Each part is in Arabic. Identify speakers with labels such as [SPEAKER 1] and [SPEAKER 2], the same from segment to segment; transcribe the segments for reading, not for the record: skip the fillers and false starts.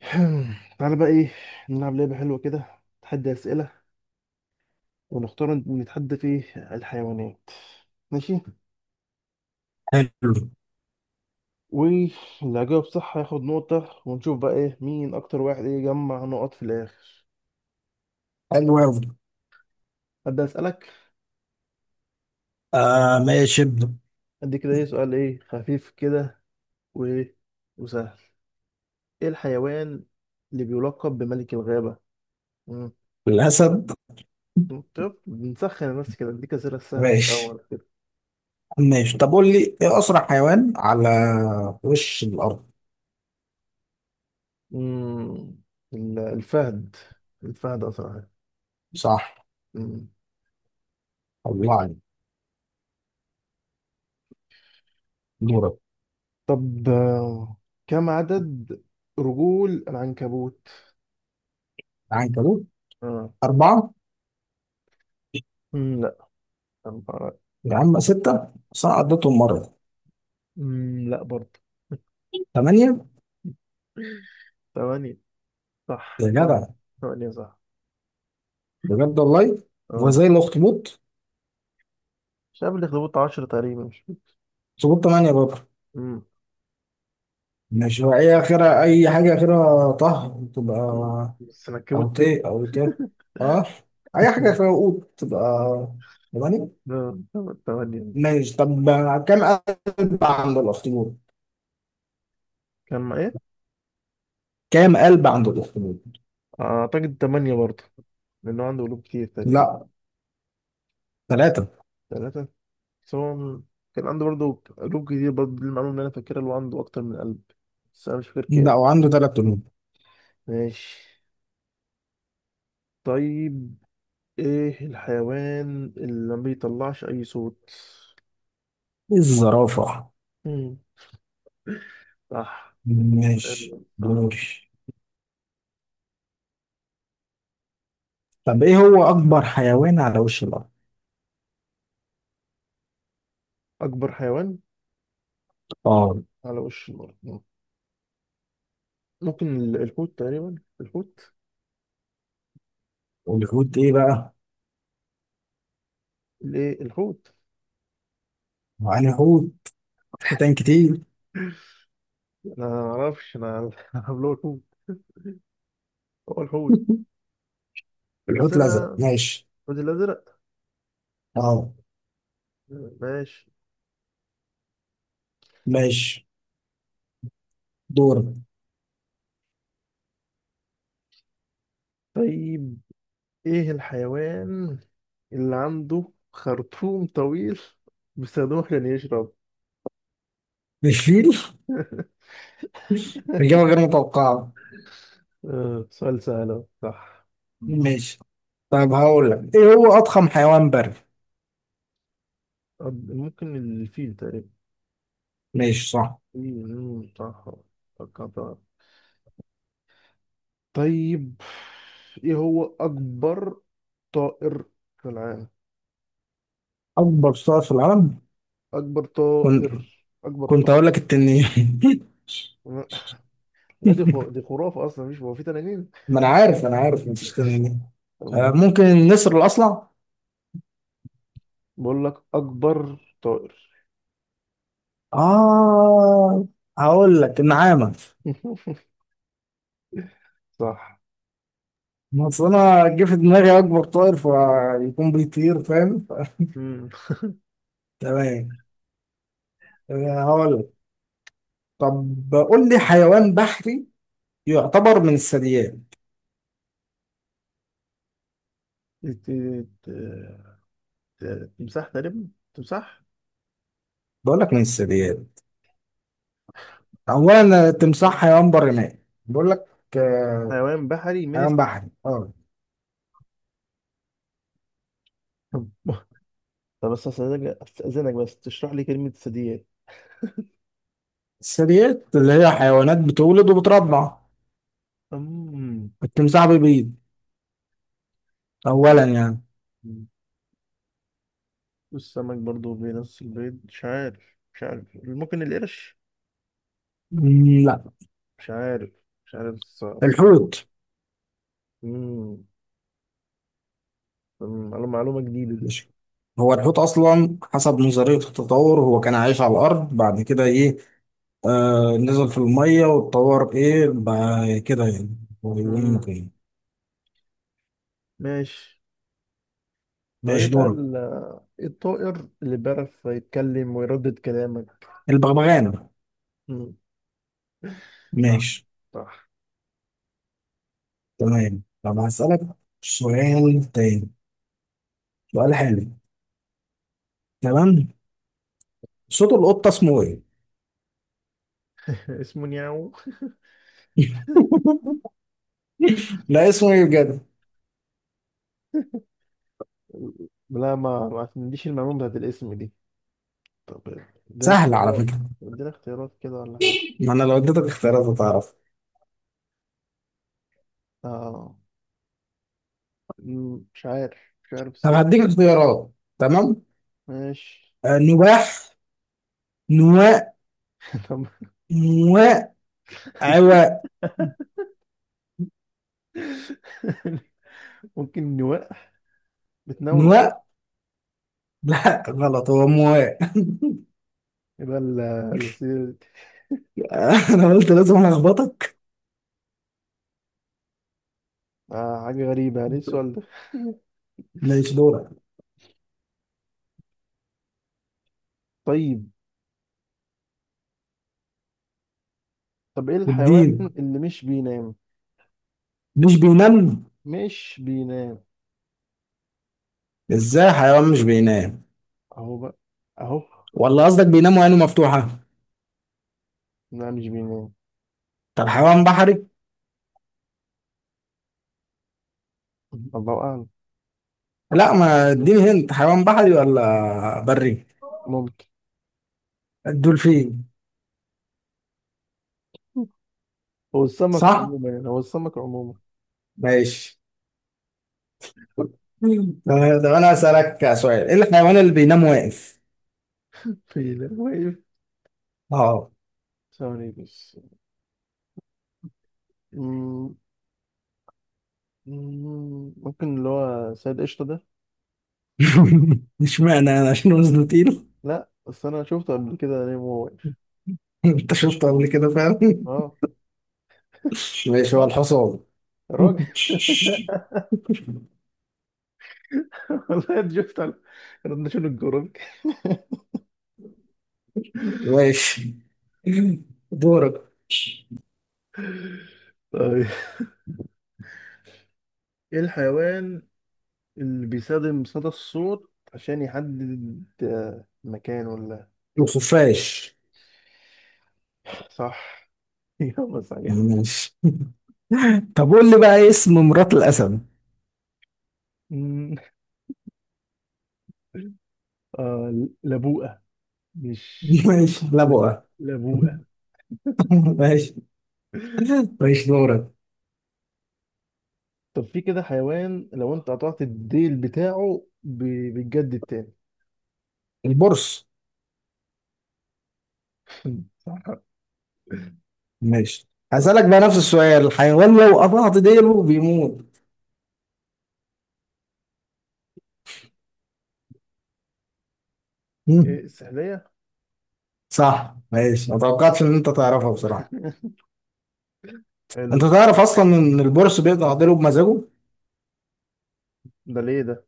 [SPEAKER 1] تعالى بقى ايه، نلعب لعبة حلوة كده، تحدي أسئلة، ونختار نتحدى في الحيوانات. ماشي.
[SPEAKER 2] حلو.
[SPEAKER 1] واللي هيجاوب صح هياخد نقطة، ونشوف بقى ايه مين أكتر واحد ايه يجمع نقط في الآخر.
[SPEAKER 2] حلو أوي.
[SPEAKER 1] أبدأ أسألك.
[SPEAKER 2] آه، ماشي، ابدأ.
[SPEAKER 1] أدي كده ايه سؤال ايه خفيف كده، وايه وسهل. ايه الحيوان اللي بيلقب بملك الغابة؟ مم.
[SPEAKER 2] الأسد.
[SPEAKER 1] طب نسخن بس كده، أديك أسئلة سهلة في
[SPEAKER 2] ماشي،
[SPEAKER 1] الأول كده.
[SPEAKER 2] ماشي. طب قول لي إيه أسرع حيوان على وش الأرض؟
[SPEAKER 1] مم. ال- الفهد الفهد أسرع حاجة.
[SPEAKER 2] صح.
[SPEAKER 1] مم.
[SPEAKER 2] الله عليك. دورك.
[SPEAKER 1] طب كم عدد رجول العنكبوت؟
[SPEAKER 2] العنكبوت.
[SPEAKER 1] اه.
[SPEAKER 2] أربعة.
[SPEAKER 1] لا، أربعة.
[SPEAKER 2] يا عم، ستة، بس أنا عديتهم مرة.
[SPEAKER 1] لا برضه.
[SPEAKER 2] ثمانية.
[SPEAKER 1] ثمانية. صح،
[SPEAKER 2] يا جدع،
[SPEAKER 1] ثمانية صح.
[SPEAKER 2] بجد والله.
[SPEAKER 1] اه،
[SPEAKER 2] وزي الأخطبوط.
[SPEAKER 1] مش عارف الأخطبوط عشرة تقريبا، مش فاكر.
[SPEAKER 2] أخطبوط تمانية برضه.
[SPEAKER 1] مم.
[SPEAKER 2] ماشي، هو إيه آخرها؟ أي حاجة آخرها طه تبقى
[SPEAKER 1] بس أنا
[SPEAKER 2] أو
[SPEAKER 1] كبوت إيه؟
[SPEAKER 2] تي، أو تي. أه، أي حاجة آخرها قوت تبقى تمانية.
[SPEAKER 1] لا، ثمانية.
[SPEAKER 2] ماشي، طب كام قلب عند الاخطبوط؟
[SPEAKER 1] كان مع إيه؟
[SPEAKER 2] كام قلب عند الاخطبوط؟
[SPEAKER 1] أعتقد ثمانية برضه، لأنه عنده قلوب كتير تقريبا.
[SPEAKER 2] لا، ثلاثة.
[SPEAKER 1] ثلاثة؟ بس هو كان عنده برضه قلوب كتير برضه، دي المعلومة اللي أنا فاكرها، اللي هو عنده أكتر من قلب، بس أنا مش فاكر
[SPEAKER 2] لا،
[SPEAKER 1] كام.
[SPEAKER 2] وعنده ثلاث قلوب.
[SPEAKER 1] ماشي. طيب، ايه الحيوان اللي ما بيطلعش اي صوت؟
[SPEAKER 2] الزرافة.
[SPEAKER 1] مم. صح.
[SPEAKER 2] ماشي،
[SPEAKER 1] حلو، صح.
[SPEAKER 2] دوري. طب ايه هو اكبر حيوان على وش الارض؟
[SPEAKER 1] اكبر حيوان
[SPEAKER 2] اه.
[SPEAKER 1] على وش الارض. ممكن الحوت تقريبا. الحوت.
[SPEAKER 2] والحوت ايه بقى؟
[SPEAKER 1] الايه الحوت.
[SPEAKER 2] يعني حوت، حيتان كتير.
[SPEAKER 1] انا ما اعرفش، انا عامله الحوت هو الحوت. بس
[SPEAKER 2] الحوت
[SPEAKER 1] انا
[SPEAKER 2] الازرق. ماشي.
[SPEAKER 1] الحوت الازرق.
[SPEAKER 2] اه،
[SPEAKER 1] ماشي.
[SPEAKER 2] ماشي، دور.
[SPEAKER 1] طيب، ايه الحيوان اللي عنده خرطوم طويل بيستخدمه عشان يشرب؟
[SPEAKER 2] الفيل. اجابة غير متوقعة.
[SPEAKER 1] سؤال سهل أهو. صح. مم.
[SPEAKER 2] ماشي. طب هقول لك، ايه هو اضخم حيوان بري؟
[SPEAKER 1] ممكن الفيل تقريبا.
[SPEAKER 2] ماشي، صح.
[SPEAKER 1] صح، فكرت. طيب، ايه هو اكبر طائر في العالم؟
[SPEAKER 2] اكبر صقر في العالم.
[SPEAKER 1] اكبر طائر، اكبر
[SPEAKER 2] كنت هقول
[SPEAKER 1] طائر.
[SPEAKER 2] لك التنين.
[SPEAKER 1] لا دي خرافة اصلا، مش هو في تنانين.
[SPEAKER 2] ما انا عارف مفيش تنين. آه،
[SPEAKER 1] أم،
[SPEAKER 2] ممكن النسر الاصلع.
[SPEAKER 1] بقول لك اكبر طائر.
[SPEAKER 2] اه، هقول لك النعامه.
[SPEAKER 1] صح.
[SPEAKER 2] بس انا جه في دماغي اكبر طائر فيكون بيطير، فاهم؟
[SPEAKER 1] امم
[SPEAKER 2] تمام. آه، هقول لك. طب قول لي حيوان بحري يعتبر من الثدييات.
[SPEAKER 1] تمساح تقريبا. تمساح.
[SPEAKER 2] بقول لك من الثدييات. اولا التمساح حيوان برمائي. بقول لك، آه،
[SPEAKER 1] حيوان بحري من
[SPEAKER 2] حيوان بحري، اه.
[SPEAKER 1] طب، بس استاذنك، بس تشرح لي كلمة ثدييات.
[SPEAKER 2] الثدييات اللي هي حيوانات بتولد وبترضع.
[SPEAKER 1] امم
[SPEAKER 2] التمساح بيبيض أولا، يعني.
[SPEAKER 1] والسمك برضو بنفس البيض. مش عارف، مش عارف. ممكن القرش؟
[SPEAKER 2] مم، لا.
[SPEAKER 1] مش عارف، مش عارف الصراحة.
[SPEAKER 2] الحوت.
[SPEAKER 1] امم معلومة جديدة دي.
[SPEAKER 2] مش هو الحوت أصلا، حسب نظرية التطور، هو كان عايش على الأرض، بعد كده إيه، آه، نزل في المية واتطور، إيه بقى كده يعني. هو بيقول لك
[SPEAKER 1] امم
[SPEAKER 2] إيه.
[SPEAKER 1] ماشي.
[SPEAKER 2] ماشي،
[SPEAKER 1] طيب، بقى
[SPEAKER 2] دور.
[SPEAKER 1] إيه الطائر اللي بيعرف يتكلم ويردد كلامك؟
[SPEAKER 2] البغبغان.
[SPEAKER 1] امم. صح،
[SPEAKER 2] ماشي.
[SPEAKER 1] صح.
[SPEAKER 2] تمام، طب هسألك سؤال تاني، سؤال حلو. تمام. صوت القطة اسمه إيه؟
[SPEAKER 1] اسمه نياو.
[SPEAKER 2] لا، اسمه إيه بجد؟
[SPEAKER 1] لا، ما عنديش المعلومة بتاعت الاسم دي. طب ادينا
[SPEAKER 2] سهل على
[SPEAKER 1] اختيارات.
[SPEAKER 2] فكرة.
[SPEAKER 1] كده ولا حاجة؟
[SPEAKER 2] ما أنا لو اديتك اختيارات هتعرف.
[SPEAKER 1] اه. مش عارف، مش عارف
[SPEAKER 2] طب
[SPEAKER 1] الصراحة.
[SPEAKER 2] هديك اختيارات. تمام.
[SPEAKER 1] ماشي.
[SPEAKER 2] آه، نواح، نواء،
[SPEAKER 1] طب.
[SPEAKER 2] مواء، عواء.
[SPEAKER 1] ممكن نواء. بتنونو.
[SPEAKER 2] نواء. لا غلط، هو مواء.
[SPEAKER 1] يبقى الأسئلة دي.
[SPEAKER 2] انا قلت لازم الخبطك.
[SPEAKER 1] آه، حاجة غريبة يعني، ايه السؤال ده؟
[SPEAKER 2] ماشي، دورك.
[SPEAKER 1] طيب. طب ايه الحيوان
[SPEAKER 2] بالدين؟
[SPEAKER 1] اللي مش بينام؟
[SPEAKER 2] مش بينام؟
[SPEAKER 1] مش بينام.
[SPEAKER 2] ازاي حيوان مش بينام؟
[SPEAKER 1] اهو بقى، اهو.
[SPEAKER 2] ولا قصدك بينام وعينه مفتوحة؟
[SPEAKER 1] لا، مش بينام.
[SPEAKER 2] طب حيوان بحري؟
[SPEAKER 1] الله أعلم.
[SPEAKER 2] لا، ما اديني هنت، حيوان بحري ولا بري؟
[SPEAKER 1] ممكن،
[SPEAKER 2] الدولفين.
[SPEAKER 1] هو السمك
[SPEAKER 2] صح.
[SPEAKER 1] عموما، يعني هو السمك عموما.
[SPEAKER 2] ماشي. طب انا اسالك سؤال، ايه الحيوان اللي بينام واقف؟
[SPEAKER 1] في واقف.
[SPEAKER 2] اه.
[SPEAKER 1] ثواني بس. مم، ممكن اللي هو سيد قشطة ده.
[SPEAKER 2] اشمعنى انا، عشان وزنه تقيل؟
[SPEAKER 1] لا بس أنا شفته قبل كده نايم وهو واقف.
[SPEAKER 2] انت شفته قبل كده فعلا؟
[SPEAKER 1] اه.
[SPEAKER 2] ماشي، هو
[SPEAKER 1] صح.
[SPEAKER 2] الحصان.
[SPEAKER 1] الراجل. والله انت شفت، على كنا شنو الجروب؟
[SPEAKER 2] ماشي، دورك.
[SPEAKER 1] طيب، ايه الحيوان اللي بيستخدم صدى الصوت عشان يحدد مكان ولا إيه؟
[SPEAKER 2] الخفاش.
[SPEAKER 1] صح. إجابة صحيحة.
[SPEAKER 2] ماشي. طب قول لي بقى، إيه اسم مرات الاسد؟
[SPEAKER 1] مم. لبوءة. مش
[SPEAKER 2] ماشي،
[SPEAKER 1] لب...
[SPEAKER 2] لبوة.
[SPEAKER 1] لبوءة.
[SPEAKER 2] ماشي. ماشي، دورك.
[SPEAKER 1] طب في كده حيوان لو انت قطعت الديل بتاعه بيتجدد تاني.
[SPEAKER 2] البرص.
[SPEAKER 1] صح.
[SPEAKER 2] ماشي.
[SPEAKER 1] صح،
[SPEAKER 2] هسألك بقى نفس السؤال، الحيوان لو قطعت ديله بيموت.
[SPEAKER 1] إيه،
[SPEAKER 2] مم.
[SPEAKER 1] السحلية.
[SPEAKER 2] صح، ماشي. ما توقعتش ان انت تعرفها بصراحة.
[SPEAKER 1] حلو
[SPEAKER 2] انت
[SPEAKER 1] السؤال.
[SPEAKER 2] تعرف اصلا ان البورس بيقطع ديله بمزاجه؟
[SPEAKER 1] ده ليه ده؟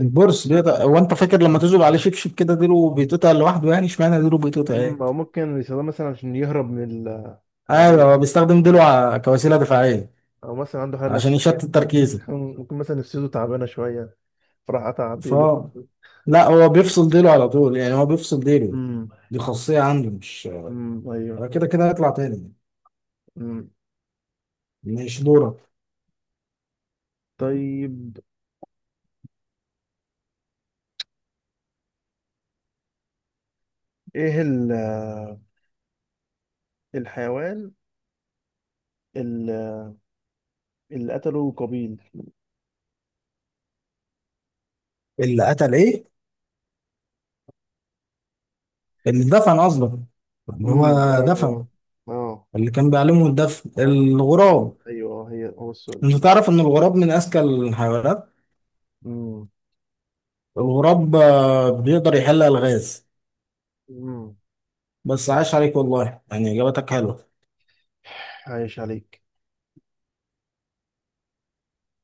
[SPEAKER 2] البورس بيقطع، هو انت فاكر لما تذوب عليه شبشب كده ديله بيتقطع لوحده، يعني اشمعنى ديله بيتقطع؟ ايه.
[SPEAKER 1] او ممكن يستخدمها مثلا عشان يهرب من
[SPEAKER 2] ايوه،
[SPEAKER 1] العدو.
[SPEAKER 2] هو بيستخدم ديله كوسيله دفاعيه،
[SPEAKER 1] او مثلا عنده حاله
[SPEAKER 2] عشان
[SPEAKER 1] نفسيه.
[SPEAKER 2] يشتت تركيزه.
[SPEAKER 1] ممكن مثلا نفسيته تعبانه شويه، فراح قطع
[SPEAKER 2] ف
[SPEAKER 1] عديله.
[SPEAKER 2] لا، هو بيفصل ديله على طول، يعني هو بيفصل ديله.
[SPEAKER 1] امم.
[SPEAKER 2] دي خاصيه عنده، مش
[SPEAKER 1] امم، ايوه.
[SPEAKER 2] هو كده كده هيطلع تاني.
[SPEAKER 1] امم.
[SPEAKER 2] مش دورك؟
[SPEAKER 1] طيب ايه الحيوان ال- اللي قتله قابيل.
[SPEAKER 2] اللي قتل ايه؟ اللي دفن قصدك؟ اللي
[SPEAKER 1] امم،
[SPEAKER 2] هو
[SPEAKER 1] ايوه.
[SPEAKER 2] دفن.
[SPEAKER 1] اه،
[SPEAKER 2] اللي كان بيعلمه الدفن،
[SPEAKER 1] ايوه.
[SPEAKER 2] الغراب.
[SPEAKER 1] ايوه هو السؤال ده.
[SPEAKER 2] انت تعرف ان الغراب من اذكى الحيوانات؟
[SPEAKER 1] امم.
[SPEAKER 2] الغراب، بيقدر يحل الغاز.
[SPEAKER 1] امم.
[SPEAKER 2] بس عاش عليك والله، يعني اجابتك حلوه.
[SPEAKER 1] عايش عليك.